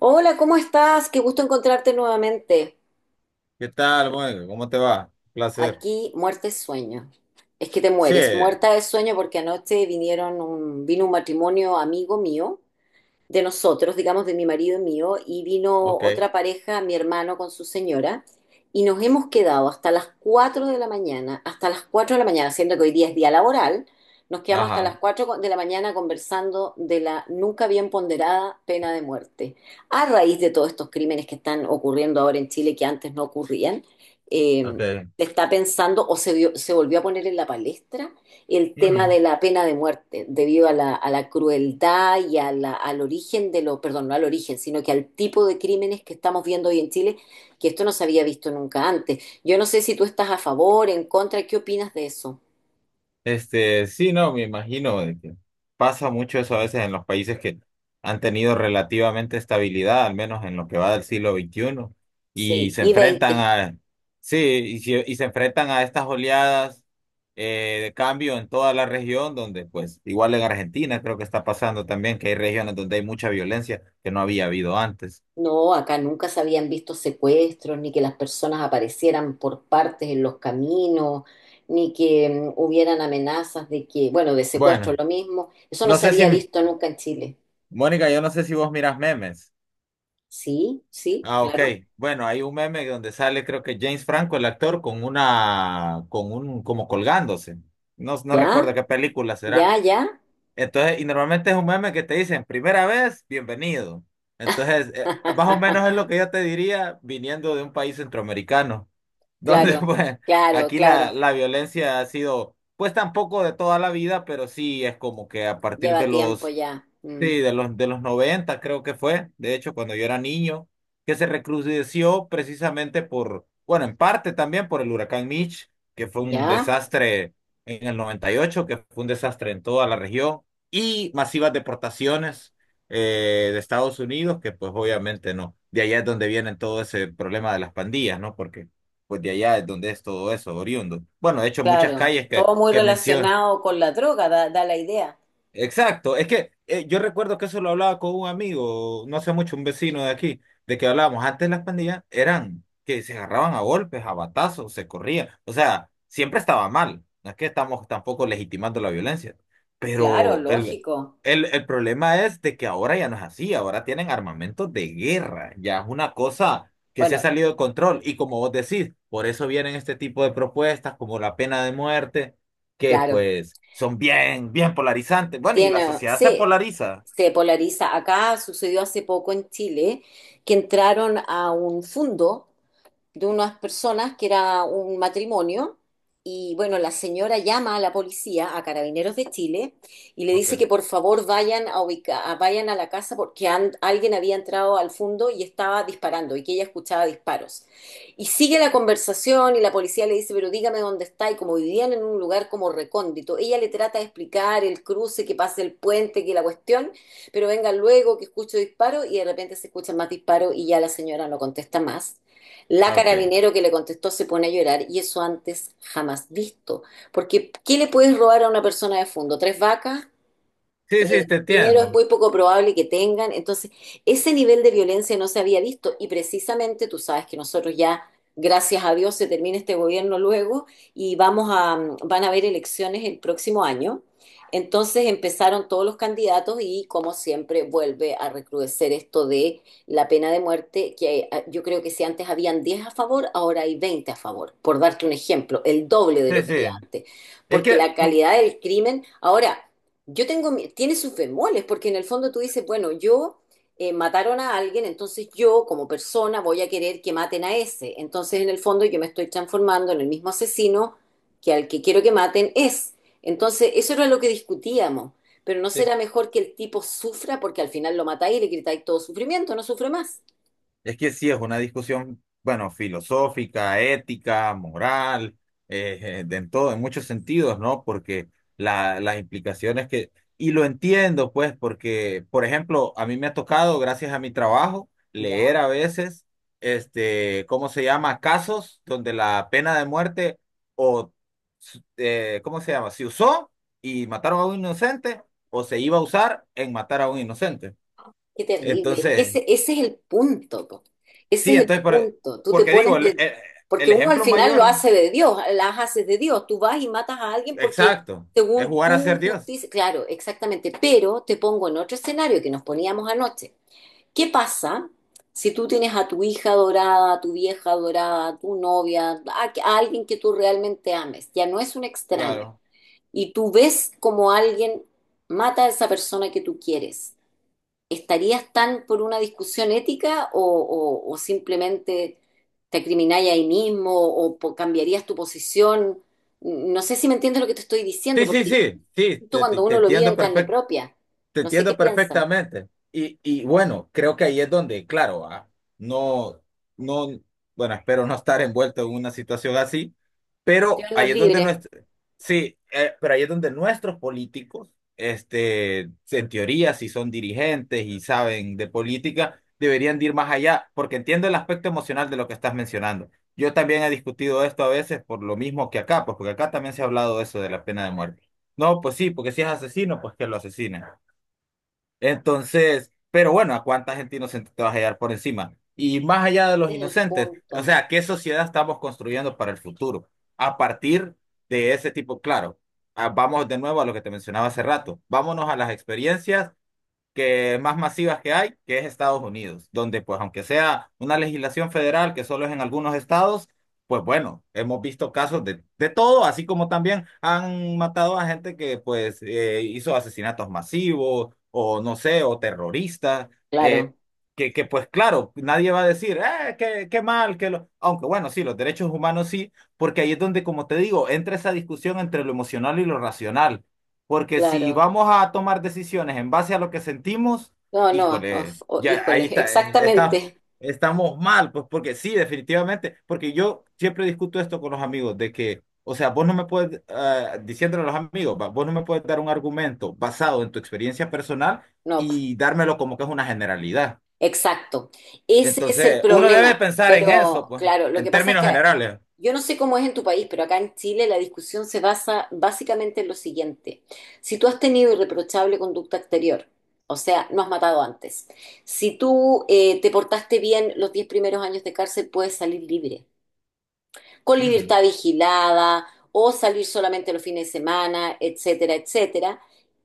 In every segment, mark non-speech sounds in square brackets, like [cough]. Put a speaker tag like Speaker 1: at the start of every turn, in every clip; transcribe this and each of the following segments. Speaker 1: Hola, ¿cómo estás? Qué gusto encontrarte nuevamente.
Speaker 2: ¿Qué tal, Mónica? ¿Cómo te va? Un placer.
Speaker 1: Aquí, muerte es sueño. Es que te
Speaker 2: Sí,
Speaker 1: mueres, muerta de sueño porque anoche vino un matrimonio amigo mío de nosotros, digamos, de mi marido y mío, y vino
Speaker 2: ok.
Speaker 1: otra pareja, mi hermano con su señora, y nos hemos quedado hasta las 4 de la mañana, hasta las 4 de la mañana, siendo que hoy día es día laboral, nos quedamos hasta
Speaker 2: Ajá,
Speaker 1: las 4 de la mañana conversando de la nunca bien ponderada pena de muerte, a raíz de todos estos crímenes que están ocurriendo ahora en Chile que antes no ocurrían. eh,
Speaker 2: ok.
Speaker 1: Está pensando o se volvió a poner en la palestra el tema
Speaker 2: Ujú.
Speaker 1: de la pena de muerte debido a la crueldad y a la, al origen de lo, perdón, no al origen, sino que al tipo de crímenes que estamos viendo hoy en Chile, que esto no se había visto nunca antes. Yo no sé si tú estás a favor, en contra, ¿qué opinas de eso?
Speaker 2: Sí, no, me imagino de que pasa mucho eso a veces en los países que han tenido relativamente estabilidad, al menos en lo que va del siglo XXI, y
Speaker 1: Sí,
Speaker 2: se
Speaker 1: y
Speaker 2: enfrentan
Speaker 1: 20.
Speaker 2: a, sí, se enfrentan a estas oleadas de cambio en toda la región, donde pues igual en Argentina creo que está pasando también que hay regiones donde hay mucha violencia que no había habido antes.
Speaker 1: No, acá nunca se habían visto secuestros, ni que las personas aparecieran por partes en los caminos, ni que hubieran amenazas de que, bueno, de secuestro
Speaker 2: Bueno.
Speaker 1: lo mismo. Eso no
Speaker 2: No
Speaker 1: se
Speaker 2: sé si,
Speaker 1: había visto nunca en Chile.
Speaker 2: Mónica, yo no sé si vos miras memes.
Speaker 1: Sí, sí,
Speaker 2: Ah, ok.
Speaker 1: claro.
Speaker 2: Bueno, hay un meme donde sale, creo que James Franco, el actor, con una, con un, como colgándose. No, no recuerdo
Speaker 1: ¿Ya?
Speaker 2: qué película será.
Speaker 1: Ya, ya.
Speaker 2: Entonces, y normalmente es un meme que te dicen, primera vez, bienvenido. Entonces, más o menos es lo
Speaker 1: [laughs]
Speaker 2: que yo te diría viniendo de un país centroamericano, donde [laughs]
Speaker 1: Claro,
Speaker 2: pues
Speaker 1: claro,
Speaker 2: aquí la,
Speaker 1: claro.
Speaker 2: la violencia ha sido, pues tampoco de toda la vida, pero sí es como que a partir de
Speaker 1: Lleva tiempo
Speaker 2: los,
Speaker 1: ya. Mm.
Speaker 2: sí, de los 90 creo que fue, de hecho, cuando yo era niño, que se recrudeció precisamente por, bueno, en parte también por el huracán Mitch, que fue un
Speaker 1: Ya,
Speaker 2: desastre en el 98, que fue un desastre en toda la región, y masivas deportaciones de Estados Unidos, que pues obviamente no, de allá es donde viene todo ese problema de las pandillas, ¿no? Porque pues de allá es donde es todo eso, oriundo. Bueno, de hecho, muchas
Speaker 1: claro.
Speaker 2: calles que,
Speaker 1: Todo muy
Speaker 2: mencio-
Speaker 1: relacionado con la droga, da la idea.
Speaker 2: Exacto, es que yo recuerdo que eso lo hablaba con un amigo, no hace mucho, un vecino de aquí, de que hablábamos, antes las pandillas eran que se agarraban a golpes, a batazos, se corrían, o sea, siempre estaba mal, no es que estamos tampoco legitimando la violencia,
Speaker 1: Claro,
Speaker 2: pero el,
Speaker 1: lógico.
Speaker 2: el problema es de que ahora ya no es así, ahora tienen armamento de guerra, ya es una cosa que se ha
Speaker 1: Bueno,
Speaker 2: salido de control y como vos decís, por eso vienen este tipo de propuestas como la pena de muerte que
Speaker 1: claro.
Speaker 2: pues son bien, bien polarizantes. Bueno, y la
Speaker 1: Tiene,
Speaker 2: sociedad se
Speaker 1: sí,
Speaker 2: polariza.
Speaker 1: se polariza. Acá sucedió hace poco en Chile que entraron a un fondo de unas personas que era un matrimonio. Y bueno, la señora llama a la policía, a Carabineros de Chile, y le dice
Speaker 2: Okay.
Speaker 1: que por favor vayan a la casa porque alguien había entrado al fondo y estaba disparando y que ella escuchaba disparos. Y sigue la conversación y la policía le dice, pero dígame dónde está. Y como vivían en un lugar como recóndito, ella le trata de explicar el cruce, que pase el puente, que la cuestión, pero venga luego que escucho disparos y de repente se escuchan más disparos y ya la señora no contesta más. La
Speaker 2: Ah, okay.
Speaker 1: carabinero que le contestó se pone a llorar y eso antes jamás visto. Porque, ¿qué le puedes robar a una persona de fondo? ¿Tres vacas?
Speaker 2: Sí, sí, te
Speaker 1: Dinero es
Speaker 2: entiendo.
Speaker 1: muy poco probable que tengan. Entonces, ese nivel de violencia no se había visto y precisamente tú sabes que nosotros ya, gracias a Dios, se termina este gobierno luego y van a haber elecciones el próximo año. Entonces empezaron todos los candidatos y como siempre vuelve a recrudecer esto de la pena de muerte, que yo creo que si antes habían 10 a favor, ahora hay 20 a favor, por darte un ejemplo, el doble de lo
Speaker 2: Sí,
Speaker 1: que había
Speaker 2: sí.
Speaker 1: antes,
Speaker 2: Es
Speaker 1: porque
Speaker 2: que,
Speaker 1: la calidad del crimen, ahora tiene sus bemoles, porque en el fondo tú dices, bueno, yo mataron a alguien, entonces yo como persona voy a querer que maten a ese. Entonces en el fondo yo me estoy transformando en el mismo asesino que al que quiero que maten es. Entonces eso era lo que discutíamos, pero ¿no
Speaker 2: es
Speaker 1: será mejor que el tipo sufra porque al final lo matáis y le gritáis todo sufrimiento, no sufre más?
Speaker 2: Es que sí, es una discusión, bueno, filosófica, ética, moral, de en todo, en muchos sentidos, ¿no? Porque las implicaciones que, y lo entiendo, pues, porque, por ejemplo, a mí me ha tocado, gracias a mi trabajo,
Speaker 1: ¿Ya?
Speaker 2: leer a veces, este, ¿cómo se llama? Casos donde la pena de muerte o, ¿cómo se llama? Se usó y mataron a un inocente o se iba a usar en matar a un inocente.
Speaker 1: Qué terrible, es que
Speaker 2: Entonces...
Speaker 1: ese es el punto, po. Ese
Speaker 2: Sí,
Speaker 1: es el
Speaker 2: entonces,
Speaker 1: punto. Tú te
Speaker 2: porque digo,
Speaker 1: pones
Speaker 2: el,
Speaker 1: de...
Speaker 2: el-
Speaker 1: Porque
Speaker 2: el
Speaker 1: uno al
Speaker 2: ejemplo
Speaker 1: final lo
Speaker 2: mayor,
Speaker 1: hace de Dios, las haces de Dios. Tú vas y matas a alguien porque
Speaker 2: exacto, es
Speaker 1: según
Speaker 2: jugar a
Speaker 1: tu
Speaker 2: ser Dios.
Speaker 1: justicia... Claro, exactamente. Pero te pongo en otro escenario que nos poníamos anoche. ¿Qué pasa si tú tienes a tu hija adorada, a tu vieja adorada, a tu novia, a alguien que tú realmente ames? Ya no es un extraño.
Speaker 2: Claro.
Speaker 1: Y tú ves como alguien mata a esa persona que tú quieres, ¿estarías tan por una discusión ética o simplemente te acrimináis ahí mismo o cambiarías tu posición? No sé si me entiendes lo que te estoy diciendo,
Speaker 2: Sí, sí,
Speaker 1: porque es
Speaker 2: sí, sí,
Speaker 1: distinto cuando
Speaker 2: te
Speaker 1: uno lo vive
Speaker 2: entiendo.
Speaker 1: en carne propia,
Speaker 2: Te
Speaker 1: no sé qué
Speaker 2: entiendo
Speaker 1: piensa.
Speaker 2: perfectamente. Y bueno, creo que ahí es donde, claro, ah, no, no, bueno, espero no estar envuelto en una situación así,
Speaker 1: Dios
Speaker 2: pero
Speaker 1: nos
Speaker 2: ahí es donde
Speaker 1: libre,
Speaker 2: nuestro, sí, pero ahí es donde nuestros políticos, en teoría, si son dirigentes y saben de política, deberían de ir más allá, porque entiendo el aspecto emocional de lo que estás mencionando. Yo también he discutido esto a veces por lo mismo que acá, pues porque acá también se ha hablado de eso de la pena de muerte. No, pues sí, porque si es asesino, pues que lo asesinen. Entonces, pero bueno, ¿a cuánta gente inocente te vas a hallar por encima? Y más allá de
Speaker 1: ese
Speaker 2: los
Speaker 1: es el
Speaker 2: inocentes, o
Speaker 1: punto.
Speaker 2: sea, ¿qué sociedad estamos construyendo para el futuro? A partir de ese tipo, claro, ah, vamos de nuevo a lo que te mencionaba hace rato, vámonos a las experiencias que más masivas que hay, que es Estados Unidos, donde pues aunque sea una legislación federal que solo es en algunos estados, pues bueno, hemos visto casos de todo, así como también han matado a gente que pues hizo asesinatos masivos o no sé, o terroristas, eh,
Speaker 1: Claro,
Speaker 2: que, pues claro, nadie va a decir, qué, mal, que lo... aunque bueno, sí, los derechos humanos sí, porque ahí es donde, como te digo, entra esa discusión entre lo emocional y lo racional porque si
Speaker 1: claro.
Speaker 2: vamos a tomar decisiones en base a lo que sentimos,
Speaker 1: No, no,
Speaker 2: híjole,
Speaker 1: oh,
Speaker 2: ya
Speaker 1: híjole,
Speaker 2: ahí
Speaker 1: [laughs]
Speaker 2: está, está,
Speaker 1: exactamente.
Speaker 2: estamos mal, pues porque sí, definitivamente, porque yo siempre discuto esto con los amigos, de que, o sea, vos no me puedes, ah, diciéndole a los amigos, va, vos no me puedes dar un argumento basado en tu experiencia personal
Speaker 1: No,
Speaker 2: y dármelo como que es una generalidad.
Speaker 1: exacto. Ese es el
Speaker 2: Entonces, uno debe
Speaker 1: problema.
Speaker 2: pensar en eso,
Speaker 1: Pero
Speaker 2: pues,
Speaker 1: claro, lo
Speaker 2: en
Speaker 1: que pasa es
Speaker 2: términos
Speaker 1: que
Speaker 2: generales.
Speaker 1: yo no sé cómo es en tu país, pero acá en Chile la discusión se basa básicamente en lo siguiente. Si tú has tenido irreprochable conducta exterior, o sea, no has matado antes, si tú te portaste bien los 10 primeros años de cárcel, puedes salir libre con
Speaker 2: Ujú.
Speaker 1: libertad vigilada o salir solamente los fines de semana, etcétera, etcétera.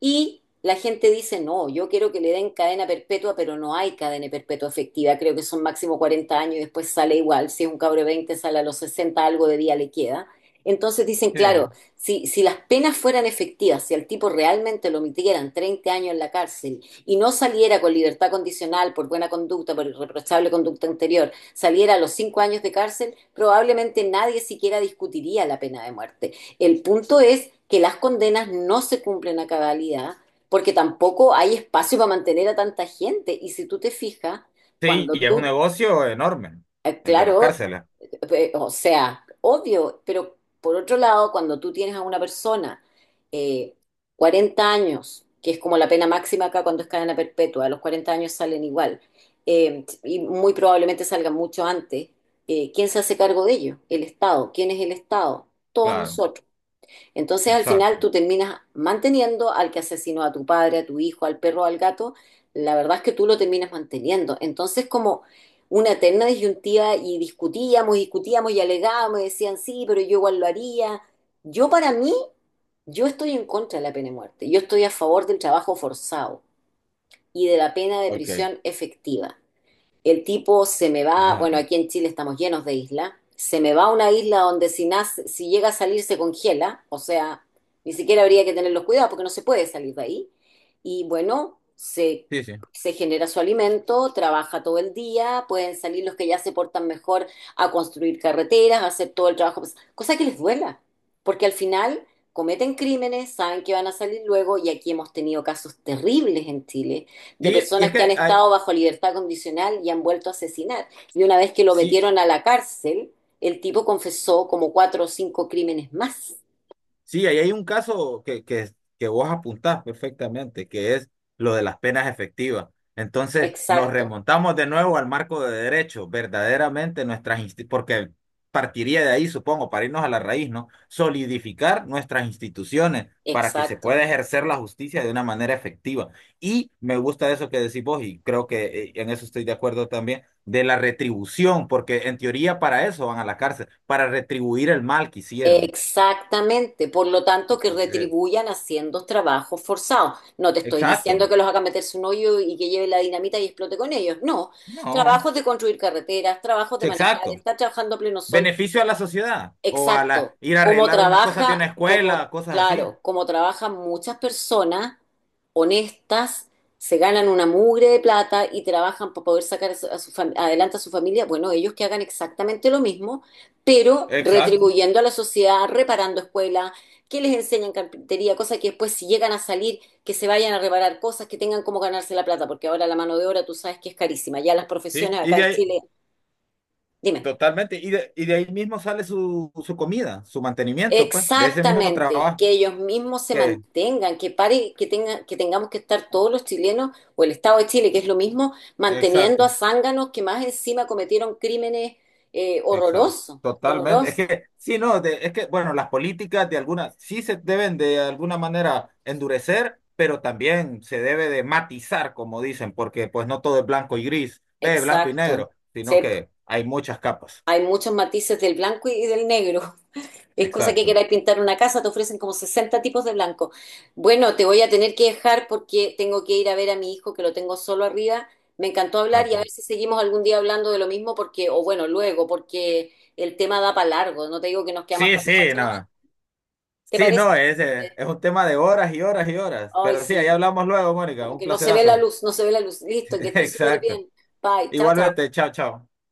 Speaker 1: Y la gente dice, no, yo quiero que le den cadena perpetua, pero no hay cadena perpetua efectiva, creo que son máximo 40 años y después sale igual, si es un cabro de 20 sale a los 60 algo de día le queda. Entonces dicen,
Speaker 2: Sí,
Speaker 1: claro, si las penas fueran efectivas, si al tipo realmente lo metieran 30 años en la cárcel y no saliera con libertad condicional por buena conducta, por irreprochable conducta anterior, saliera a los 5 años de cárcel, probablemente nadie siquiera discutiría la pena de muerte. El punto es que las condenas no se cumplen a cabalidad porque tampoco hay espacio para mantener a tanta gente. Y si tú te fijas,
Speaker 2: sí,
Speaker 1: cuando
Speaker 2: y es un
Speaker 1: tú,
Speaker 2: negocio enorme, el de las
Speaker 1: claro,
Speaker 2: cárceles,
Speaker 1: o sea, obvio, pero por otro lado, cuando tú tienes a una persona eh, 40 años, que es como la pena máxima acá cuando es cadena perpetua, a los 40 años salen igual, y muy probablemente salgan mucho antes, ¿quién se hace cargo de ello? El Estado. ¿Quién es el Estado? Todos
Speaker 2: claro,
Speaker 1: nosotros. Entonces al
Speaker 2: exacto.
Speaker 1: final tú terminas manteniendo al que asesinó a tu padre, a tu hijo, al perro, al gato. La verdad es que tú lo terminas manteniendo. Entonces como una eterna disyuntiva y discutíamos, discutíamos y alegábamos y decían, sí, pero yo igual lo haría. Yo para mí, yo estoy en contra de la pena de muerte. Yo estoy a favor del trabajo forzado y de la pena de
Speaker 2: Ok.
Speaker 1: prisión efectiva. El tipo se me va,
Speaker 2: Ajá.
Speaker 1: bueno, aquí en Chile estamos llenos de islas, se me va a una isla donde si llega a salir se congela, o sea, ni siquiera habría que tener los cuidados porque no se puede salir de ahí. Y bueno, se,
Speaker 2: Sí, sí.
Speaker 1: se genera su alimento, trabaja todo el día, pueden salir los que ya se portan mejor a construir carreteras, a hacer todo el trabajo, pues, cosa que les duela, porque al final cometen crímenes, saben que van a salir luego y aquí hemos tenido casos terribles en Chile de
Speaker 2: Sí, y es
Speaker 1: personas que han
Speaker 2: que, ah,
Speaker 1: estado bajo libertad condicional y han vuelto a asesinar. Y una vez que lo
Speaker 2: sí.
Speaker 1: metieron a la cárcel, el tipo confesó como cuatro o cinco crímenes más.
Speaker 2: Sí, ahí hay un caso que, que vos apuntás perfectamente, que es lo de las penas efectivas. Entonces, nos
Speaker 1: Exacto,
Speaker 2: remontamos de nuevo al marco de derecho, verdaderamente nuestras insti- porque partiría de ahí, supongo, para irnos a la raíz, ¿no? Solidificar nuestras instituciones para que se
Speaker 1: exacto.
Speaker 2: pueda ejercer la justicia de una manera efectiva. Y me gusta eso que decís vos, y creo que en eso estoy de acuerdo también, de la retribución, porque en teoría para eso van a la cárcel, para retribuir el mal que hicieron.
Speaker 1: Exactamente. Por lo tanto, que
Speaker 2: Entonces,
Speaker 1: retribuyan haciendo trabajos forzados. No te estoy diciendo
Speaker 2: exacto.
Speaker 1: que los hagan meterse un hoyo y que lleve la dinamita y explote con ellos. No.
Speaker 2: No,
Speaker 1: Trabajos de construir carreteras, trabajos de
Speaker 2: sí,
Speaker 1: manejar,
Speaker 2: exacto.
Speaker 1: estar trabajando a pleno sol.
Speaker 2: Beneficio a la sociedad o a la
Speaker 1: Exacto,
Speaker 2: ir a
Speaker 1: cómo
Speaker 2: arreglar unas cosas de
Speaker 1: trabaja,
Speaker 2: una
Speaker 1: como
Speaker 2: escuela, cosas así.
Speaker 1: claro, cómo trabajan muchas personas honestas, se ganan una mugre de plata y trabajan para poder sacar adelante a su familia. Bueno, ellos que hagan exactamente lo mismo, pero
Speaker 2: Exacto.
Speaker 1: retribuyendo a la sociedad, reparando escuelas, que les enseñen carpintería, cosas que después si llegan a salir, que se vayan a reparar cosas, que tengan cómo ganarse la plata, porque ahora la mano de obra tú sabes que es carísima. Ya las
Speaker 2: Sí.
Speaker 1: profesiones
Speaker 2: Y
Speaker 1: acá
Speaker 2: de
Speaker 1: en
Speaker 2: ahí,
Speaker 1: Chile, dime.
Speaker 2: totalmente. Y de ahí mismo sale su, su comida, su mantenimiento, pues, de ese mismo
Speaker 1: Exactamente,
Speaker 2: trabajo
Speaker 1: que ellos mismos se
Speaker 2: que,
Speaker 1: mantengan, que pare, que tenga, que tengamos que estar todos los chilenos o el Estado de Chile, que es lo mismo, manteniendo a
Speaker 2: exacto.
Speaker 1: zánganos que más encima cometieron crímenes
Speaker 2: Exacto.
Speaker 1: horrorosos,
Speaker 2: Totalmente. Es
Speaker 1: horrorosos.
Speaker 2: que, sí, no, de- es que, bueno, las políticas de algunas, sí se deben de alguna manera endurecer, pero también se debe de matizar, como dicen, porque pues no todo es blanco y gris, ve, blanco y
Speaker 1: Exacto.
Speaker 2: negro, sino
Speaker 1: Sí,
Speaker 2: que hay muchas capas.
Speaker 1: hay muchos matices del blanco y del negro. Es cosa que
Speaker 2: Exacto.
Speaker 1: queráis pintar una casa, te ofrecen como 60 tipos de blanco. Bueno, te voy a tener que dejar porque tengo que ir a ver a mi hijo que lo tengo solo arriba. Me encantó hablar y a
Speaker 2: Magni.
Speaker 1: ver si seguimos algún día hablando de lo mismo porque, o bueno, luego, porque el tema da para largo. No te digo que nos quedamos
Speaker 2: Sí,
Speaker 1: hasta las
Speaker 2: sí,
Speaker 1: 4 de la mañana.
Speaker 2: no.
Speaker 1: ¿Te
Speaker 2: Sí,
Speaker 1: parece?
Speaker 2: no, es un tema de horas y horas y horas.
Speaker 1: Ay,
Speaker 2: Pero sí, ahí
Speaker 1: sí.
Speaker 2: hablamos luego, Mónica.
Speaker 1: Como
Speaker 2: Un
Speaker 1: que no se ve la
Speaker 2: placerazo.
Speaker 1: luz, no se ve la luz. Listo, que
Speaker 2: [laughs]
Speaker 1: estés súper
Speaker 2: Exacto.
Speaker 1: bien. Bye, chao, chao.
Speaker 2: Igualmente, chao, chao.